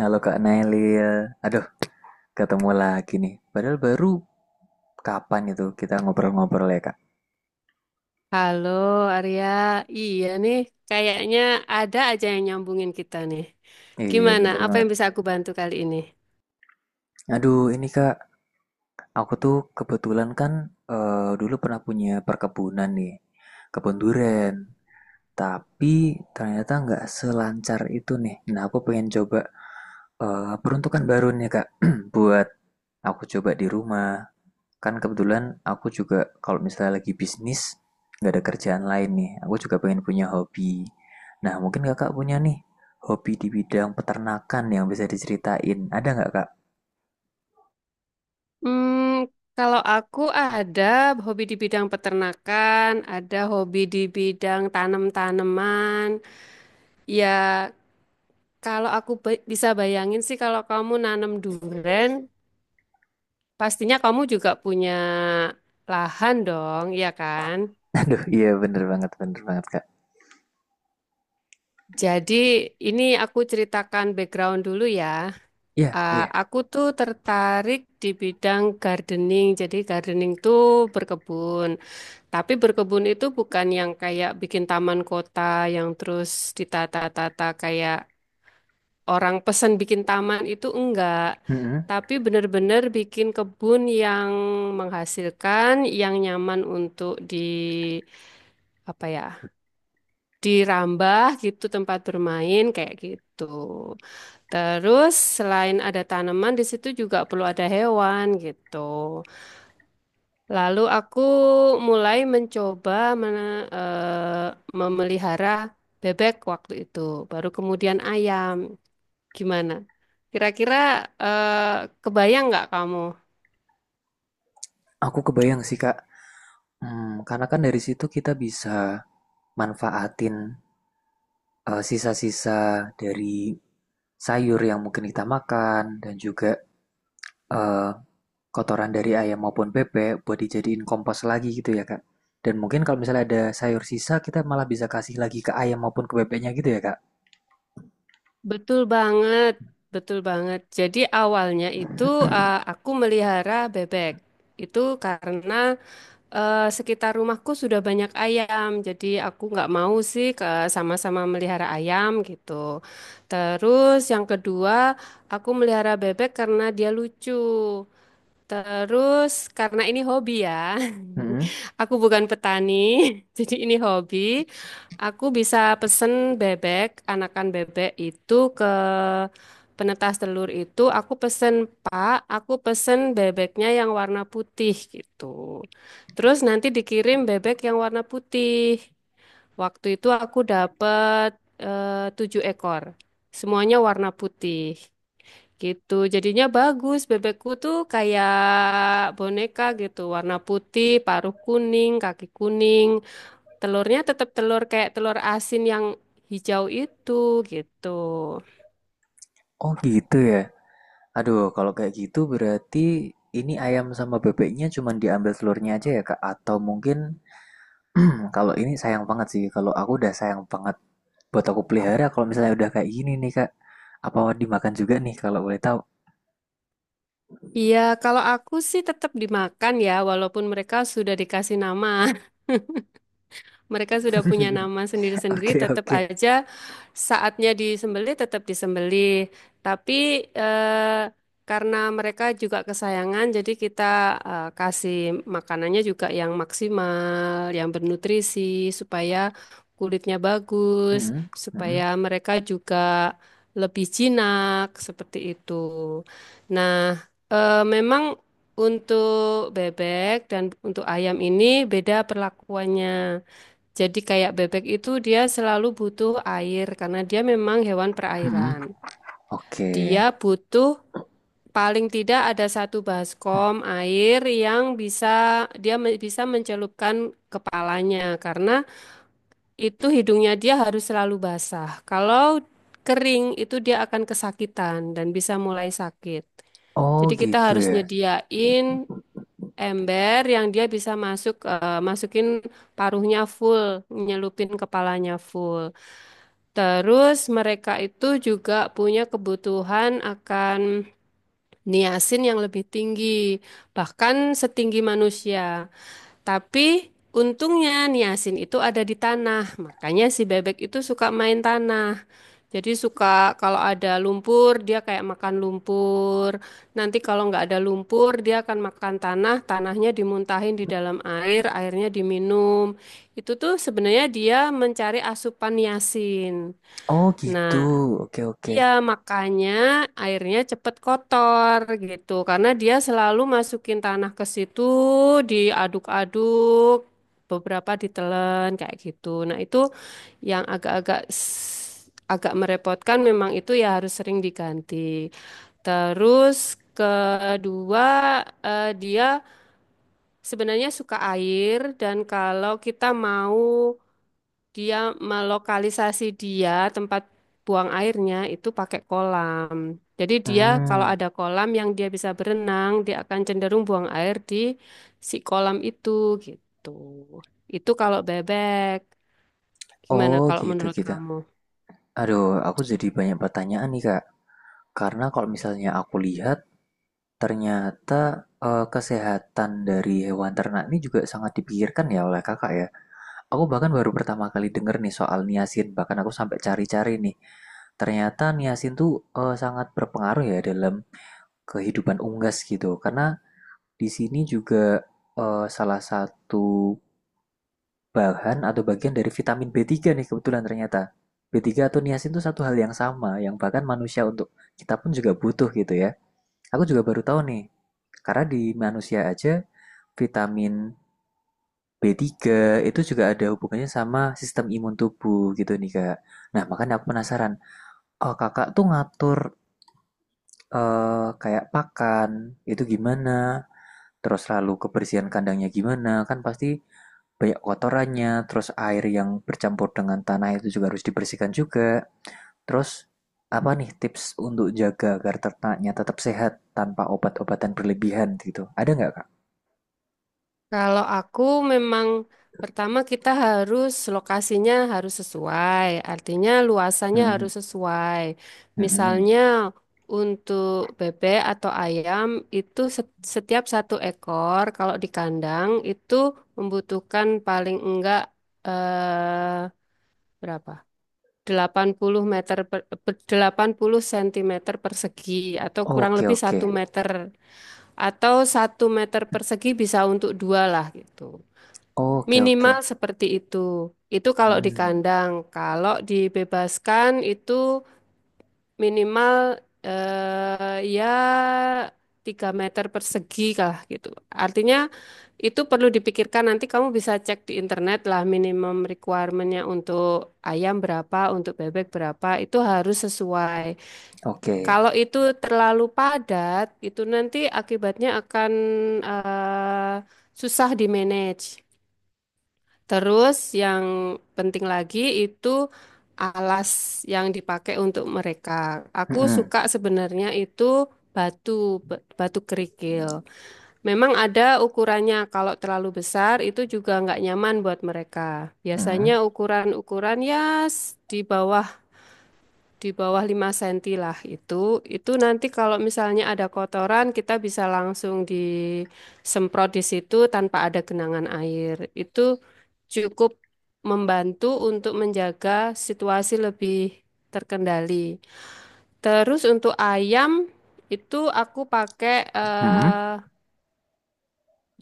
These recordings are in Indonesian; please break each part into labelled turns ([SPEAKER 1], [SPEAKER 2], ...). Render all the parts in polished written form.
[SPEAKER 1] Halo Kak Nailil, aduh ketemu lagi nih. Padahal baru kapan itu kita ngobrol-ngobrol ya Kak?
[SPEAKER 2] Halo Arya, iya nih, kayaknya ada aja yang nyambungin kita nih.
[SPEAKER 1] Iya
[SPEAKER 2] Gimana?
[SPEAKER 1] bener
[SPEAKER 2] Apa
[SPEAKER 1] banget.
[SPEAKER 2] yang bisa aku bantu kali ini?
[SPEAKER 1] Aduh ini Kak, aku tuh kebetulan kan dulu pernah punya perkebunan nih, kebun durian. Tapi ternyata nggak selancar itu nih. Nah aku pengen coba peruntukan baru nih Kak, buat aku coba di rumah. Kan kebetulan aku juga kalau misalnya lagi bisnis, nggak ada kerjaan lain nih. Aku juga pengen punya hobi. Nah, mungkin kakak punya nih hobi di bidang peternakan yang bisa diceritain. Ada nggak kak?
[SPEAKER 2] Hmm, Kalau aku ada hobi di bidang peternakan, ada hobi di bidang tanam-tanaman. Ya, kalau aku bisa bayangin sih kalau kamu nanam durian, pastinya kamu juga punya lahan dong, ya kan?
[SPEAKER 1] Aduh, iya bener banget kak.
[SPEAKER 2] Jadi ini aku ceritakan background dulu ya.
[SPEAKER 1] Iya,
[SPEAKER 2] Ah,
[SPEAKER 1] iya.
[SPEAKER 2] aku tuh tertarik di bidang gardening. Jadi gardening tuh berkebun. Tapi berkebun itu bukan yang kayak bikin taman kota yang terus ditata-tata kayak orang pesan bikin taman itu, enggak.
[SPEAKER 1] Mm-mm.
[SPEAKER 2] Tapi benar-benar bikin kebun yang menghasilkan, yang nyaman untuk di, apa ya, dirambah gitu, tempat bermain kayak gitu. Terus selain ada tanaman di situ juga perlu ada hewan gitu. Lalu aku mulai mencoba mena- eh, memelihara bebek waktu itu, baru kemudian ayam. Gimana? Kira-kira eh, kebayang nggak kamu?
[SPEAKER 1] Aku kebayang sih kak. Hmm, karena kan dari situ kita bisa manfaatin sisa-sisa dari sayur yang mungkin kita makan dan juga eh, Kotoran dari ayam maupun bebek buat dijadiin kompos lagi gitu ya, Kak? Dan mungkin kalau misalnya ada sayur sisa, kita malah bisa kasih lagi ke ayam maupun ke bebeknya gitu ya, Kak?
[SPEAKER 2] Betul banget, betul banget. Jadi awalnya itu aku melihara bebek. Itu karena sekitar rumahku sudah banyak ayam, jadi aku nggak mau sih ke sama-sama melihara ayam gitu. Terus yang kedua, aku melihara bebek karena dia lucu. Terus karena ini hobi ya,
[SPEAKER 1] Mm-mm.
[SPEAKER 2] aku bukan petani, jadi ini hobi. Aku bisa pesen bebek, anakan bebek itu ke penetas telur itu. Aku pesen, "Pak, aku pesen bebeknya yang warna putih" gitu. Terus nanti dikirim bebek yang warna putih. Waktu itu aku dapat 7 ekor, semuanya warna putih. Gitu, jadinya bagus. Bebekku tuh kayak boneka gitu, warna putih, paruh kuning, kaki kuning. Telurnya tetap telur kayak telur asin yang hijau itu gitu.
[SPEAKER 1] Oh gitu ya. Aduh, kalau kayak gitu berarti ini ayam sama bebeknya cuma diambil telurnya aja ya, Kak? Atau mungkin kalau ini sayang banget sih. Kalau aku udah sayang banget buat aku pelihara kalau misalnya udah kayak gini nih, Kak. Apa dimakan juga nih kalau boleh tahu?
[SPEAKER 2] Iya, kalau aku sih tetap dimakan ya, walaupun mereka sudah dikasih nama. Mereka sudah punya nama sendiri-sendiri,
[SPEAKER 1] Oke,
[SPEAKER 2] tetap
[SPEAKER 1] oke.
[SPEAKER 2] aja saatnya disembelih, tetap disembelih. Tapi eh, karena mereka juga kesayangan, jadi kita kasih makanannya juga yang maksimal, yang bernutrisi, supaya kulitnya bagus,
[SPEAKER 1] Mm-mm, mm-mm,
[SPEAKER 2] supaya mereka juga lebih jinak, seperti itu. Nah, memang untuk bebek dan untuk ayam ini beda perlakuannya. Jadi kayak bebek itu dia selalu butuh air karena dia memang hewan
[SPEAKER 1] mm-mm.
[SPEAKER 2] perairan.
[SPEAKER 1] Oke.
[SPEAKER 2] Dia butuh paling tidak ada satu baskom air yang bisa dia bisa mencelupkan kepalanya, karena itu hidungnya dia harus selalu basah. Kalau kering itu dia akan kesakitan dan bisa mulai sakit.
[SPEAKER 1] Oh
[SPEAKER 2] Jadi kita
[SPEAKER 1] gitu
[SPEAKER 2] harus
[SPEAKER 1] ya.
[SPEAKER 2] nyediain ember yang dia bisa masukin paruhnya full, nyelupin kepalanya full. Terus mereka itu juga punya kebutuhan akan niasin yang lebih tinggi, bahkan setinggi manusia. Tapi untungnya niasin itu ada di tanah, makanya si bebek itu suka main tanah. Jadi suka kalau ada lumpur dia kayak makan lumpur. Nanti kalau nggak ada lumpur dia akan makan tanah, tanahnya dimuntahin di dalam air, airnya diminum. Itu tuh sebenarnya dia mencari asupan niasin.
[SPEAKER 1] Oh
[SPEAKER 2] Nah,
[SPEAKER 1] gitu. Oke oke.
[SPEAKER 2] iya, makanya airnya cepet kotor gitu. Karena dia selalu masukin tanah ke situ, diaduk-aduk, beberapa ditelan kayak gitu. Nah, itu yang agak-agak agak merepotkan, memang itu ya harus sering diganti. Terus kedua, dia sebenarnya suka air, dan kalau kita mau dia melokalisasi dia tempat buang airnya itu pakai kolam. Jadi dia kalau
[SPEAKER 1] Hmm.
[SPEAKER 2] ada kolam yang dia bisa berenang, dia akan cenderung buang air di si kolam itu gitu. Itu kalau bebek. Gimana
[SPEAKER 1] Oh
[SPEAKER 2] kalau
[SPEAKER 1] gitu
[SPEAKER 2] menurut
[SPEAKER 1] gitu.
[SPEAKER 2] kamu?
[SPEAKER 1] Aduh, aku jadi banyak pertanyaan nih Kak. Karena kalau misalnya aku lihat, ternyata kesehatan dari hewan ternak ini juga sangat dipikirkan ya oleh Kakak ya. Aku bahkan baru pertama kali denger nih soal niacin. Bahkan aku sampai cari-cari nih. Ternyata niacin tuh sangat berpengaruh ya dalam kehidupan unggas gitu. Karena di sini juga salah satu bahan atau bagian dari vitamin B3 nih kebetulan ternyata. B3 atau niacin itu satu hal yang sama yang bahkan manusia untuk kita pun juga butuh gitu ya. Aku juga baru tahu nih. Karena di manusia aja vitamin B3 itu juga ada hubungannya sama sistem imun tubuh gitu nih Kak. Nah, makanya aku penasaran. Oh, Kakak tuh ngatur kayak pakan itu gimana? Terus lalu kebersihan kandangnya gimana? Kan pasti banyak kotorannya, terus air yang bercampur dengan tanah itu juga harus dibersihkan juga. Terus apa nih tips untuk jaga agar ternaknya tetap sehat tanpa obat-obatan berlebihan gitu? Ada nggak kak?
[SPEAKER 2] Kalau aku memang pertama kita harus lokasinya harus sesuai, artinya luasannya
[SPEAKER 1] Hmm,
[SPEAKER 2] harus sesuai.
[SPEAKER 1] hmm, hmm.
[SPEAKER 2] Misalnya untuk bebek atau ayam itu setiap 1 ekor kalau di kandang itu membutuhkan paling enggak eh, berapa? Delapan puluh meter per, per- 80 cm persegi, atau kurang
[SPEAKER 1] Oke
[SPEAKER 2] lebih
[SPEAKER 1] oke,
[SPEAKER 2] 1 meter, atau 1 meter persegi bisa untuk dua lah gitu.
[SPEAKER 1] oke
[SPEAKER 2] Minimal seperti itu. Itu kalau di
[SPEAKER 1] hmm,
[SPEAKER 2] kandang. Kalau dibebaskan itu minimal ya 3 meter persegi lah gitu. Artinya itu perlu dipikirkan, nanti kamu bisa cek di internet lah minimum requirement-nya untuk ayam berapa, untuk bebek berapa, itu harus sesuai.
[SPEAKER 1] oke,
[SPEAKER 2] Kalau itu terlalu padat, itu nanti akibatnya akan eh, susah di manage. Terus yang penting lagi itu alas yang dipakai untuk mereka. Aku
[SPEAKER 1] hmm,
[SPEAKER 2] suka sebenarnya itu batu batu kerikil. Memang ada ukurannya. Kalau terlalu besar itu juga nggak nyaman buat mereka.
[SPEAKER 1] hmm,
[SPEAKER 2] Biasanya ukuran-ukuran ya di bawah 5 senti lah itu. Itu nanti kalau misalnya ada kotoran kita bisa langsung disemprot di situ tanpa ada genangan air. Itu cukup membantu untuk menjaga situasi lebih terkendali. Terus untuk ayam itu aku pakai
[SPEAKER 1] hmm,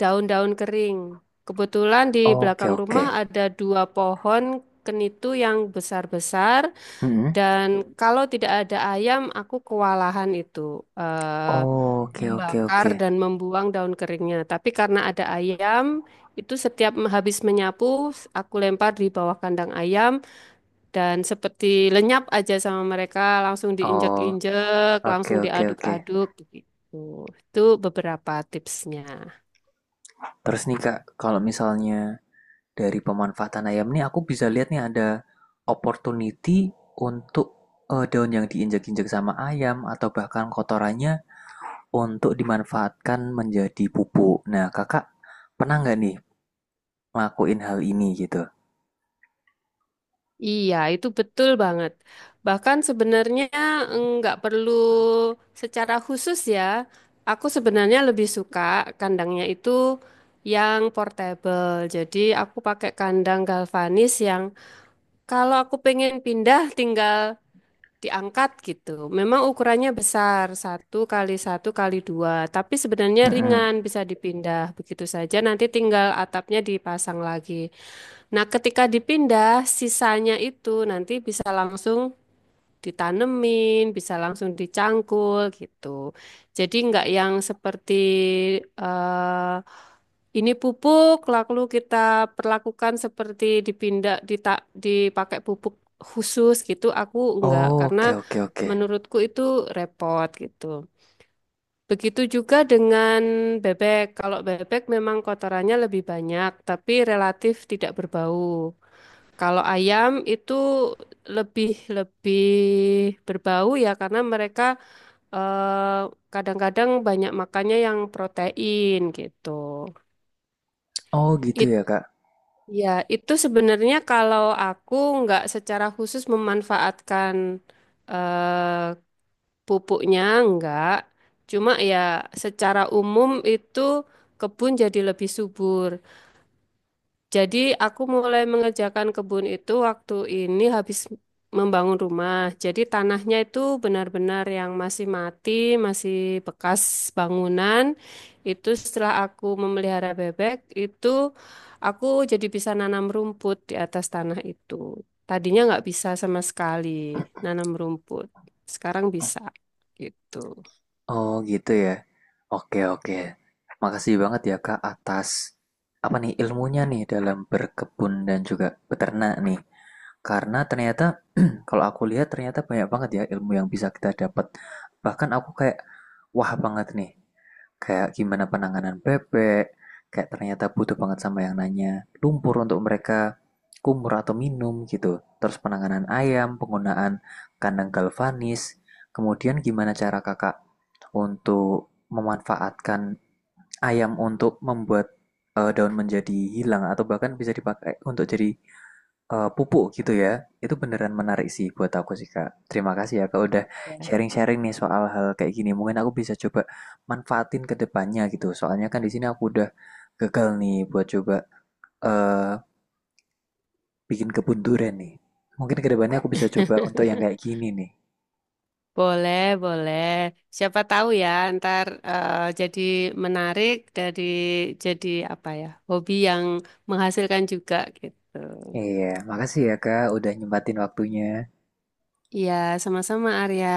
[SPEAKER 2] daun-daun kering. Kebetulan di
[SPEAKER 1] oke
[SPEAKER 2] belakang
[SPEAKER 1] oke,
[SPEAKER 2] rumah ada 2 pohon kenitu yang besar-besar.
[SPEAKER 1] hmm,
[SPEAKER 2] Dan kalau tidak ada ayam, aku kewalahan itu eh,
[SPEAKER 1] oke oke
[SPEAKER 2] membakar
[SPEAKER 1] oke,
[SPEAKER 2] dan membuang daun keringnya. Tapi karena ada ayam, itu setiap habis menyapu, aku lempar di bawah kandang ayam, dan seperti lenyap aja sama mereka, langsung
[SPEAKER 1] oh
[SPEAKER 2] diinjak-injek,
[SPEAKER 1] oke
[SPEAKER 2] langsung
[SPEAKER 1] oke oke.
[SPEAKER 2] diaduk-aduk gitu. Itu beberapa tipsnya.
[SPEAKER 1] Terus nih kak, kalau misalnya dari pemanfaatan ayam ini, aku bisa lihat nih ada opportunity untuk daun yang diinjak-injak sama ayam atau bahkan kotorannya untuk dimanfaatkan menjadi pupuk. Nah, kakak pernah nggak nih ngelakuin hal ini gitu?
[SPEAKER 2] Iya, itu betul banget. Bahkan sebenarnya nggak perlu secara khusus ya. Aku sebenarnya lebih suka kandangnya itu yang portable. Jadi aku pakai kandang galvanis yang kalau aku pengen pindah tinggal diangkat gitu. Memang ukurannya besar, satu kali dua, tapi sebenarnya
[SPEAKER 1] Mm-mm.
[SPEAKER 2] ringan, bisa dipindah begitu saja. Nanti tinggal atapnya dipasang lagi. Nah, ketika dipindah, sisanya itu nanti bisa langsung ditanemin, bisa langsung dicangkul gitu. Jadi nggak yang seperti eh, ini pupuk, lalu kita perlakukan seperti dipindah, dipakai pupuk khusus gitu. Aku enggak,
[SPEAKER 1] Oh,
[SPEAKER 2] karena
[SPEAKER 1] oke oke oke.
[SPEAKER 2] menurutku itu repot gitu. Begitu juga dengan bebek. Kalau bebek memang kotorannya lebih banyak, tapi relatif tidak berbau. Kalau ayam itu lebih lebih berbau ya, karena mereka eh, kadang-kadang banyak makannya yang protein gitu.
[SPEAKER 1] Oh gitu ya kak.
[SPEAKER 2] Ya, itu sebenarnya kalau aku nggak secara khusus memanfaatkan eh, pupuknya, nggak. Cuma ya secara umum itu kebun jadi lebih subur. Jadi aku mulai mengerjakan kebun itu waktu ini habis membangun rumah. Jadi tanahnya itu benar-benar yang masih mati, masih bekas bangunan. Itu setelah aku memelihara bebek, itu aku jadi bisa nanam rumput di atas tanah itu. Tadinya nggak bisa sama sekali nanam rumput. Sekarang bisa gitu.
[SPEAKER 1] Oh gitu ya. Oke oke. Makasih banget ya kak atas apa nih ilmunya nih dalam berkebun dan juga beternak nih. Karena ternyata kalau aku lihat ternyata banyak banget ya ilmu yang bisa kita dapat. Bahkan aku kayak wah banget nih. Kayak gimana penanganan bebek, kayak ternyata butuh banget sama yang nanya lumpur untuk mereka kumur atau minum gitu. Terus penanganan ayam, penggunaan kandang galvanis, kemudian gimana cara kakak untuk memanfaatkan ayam untuk membuat daun menjadi hilang atau bahkan bisa dipakai untuk jadi pupuk gitu ya. Itu beneran menarik sih buat aku sih Kak. Terima kasih ya Kak udah sharing-sharing nih soal hal kayak gini. Mungkin aku bisa coba manfaatin ke depannya gitu. Soalnya kan di sini aku udah gagal nih buat coba eh bikin kebun durian nih. Mungkin ke depannya aku bisa coba untuk yang kayak gini nih.
[SPEAKER 2] Boleh, boleh. Siapa tahu ya, ntar jadi menarik dari jadi apa ya, hobi yang menghasilkan juga gitu.
[SPEAKER 1] Iya, makasih ya Kak udah nyempatin waktunya.
[SPEAKER 2] Iya, sama-sama Arya.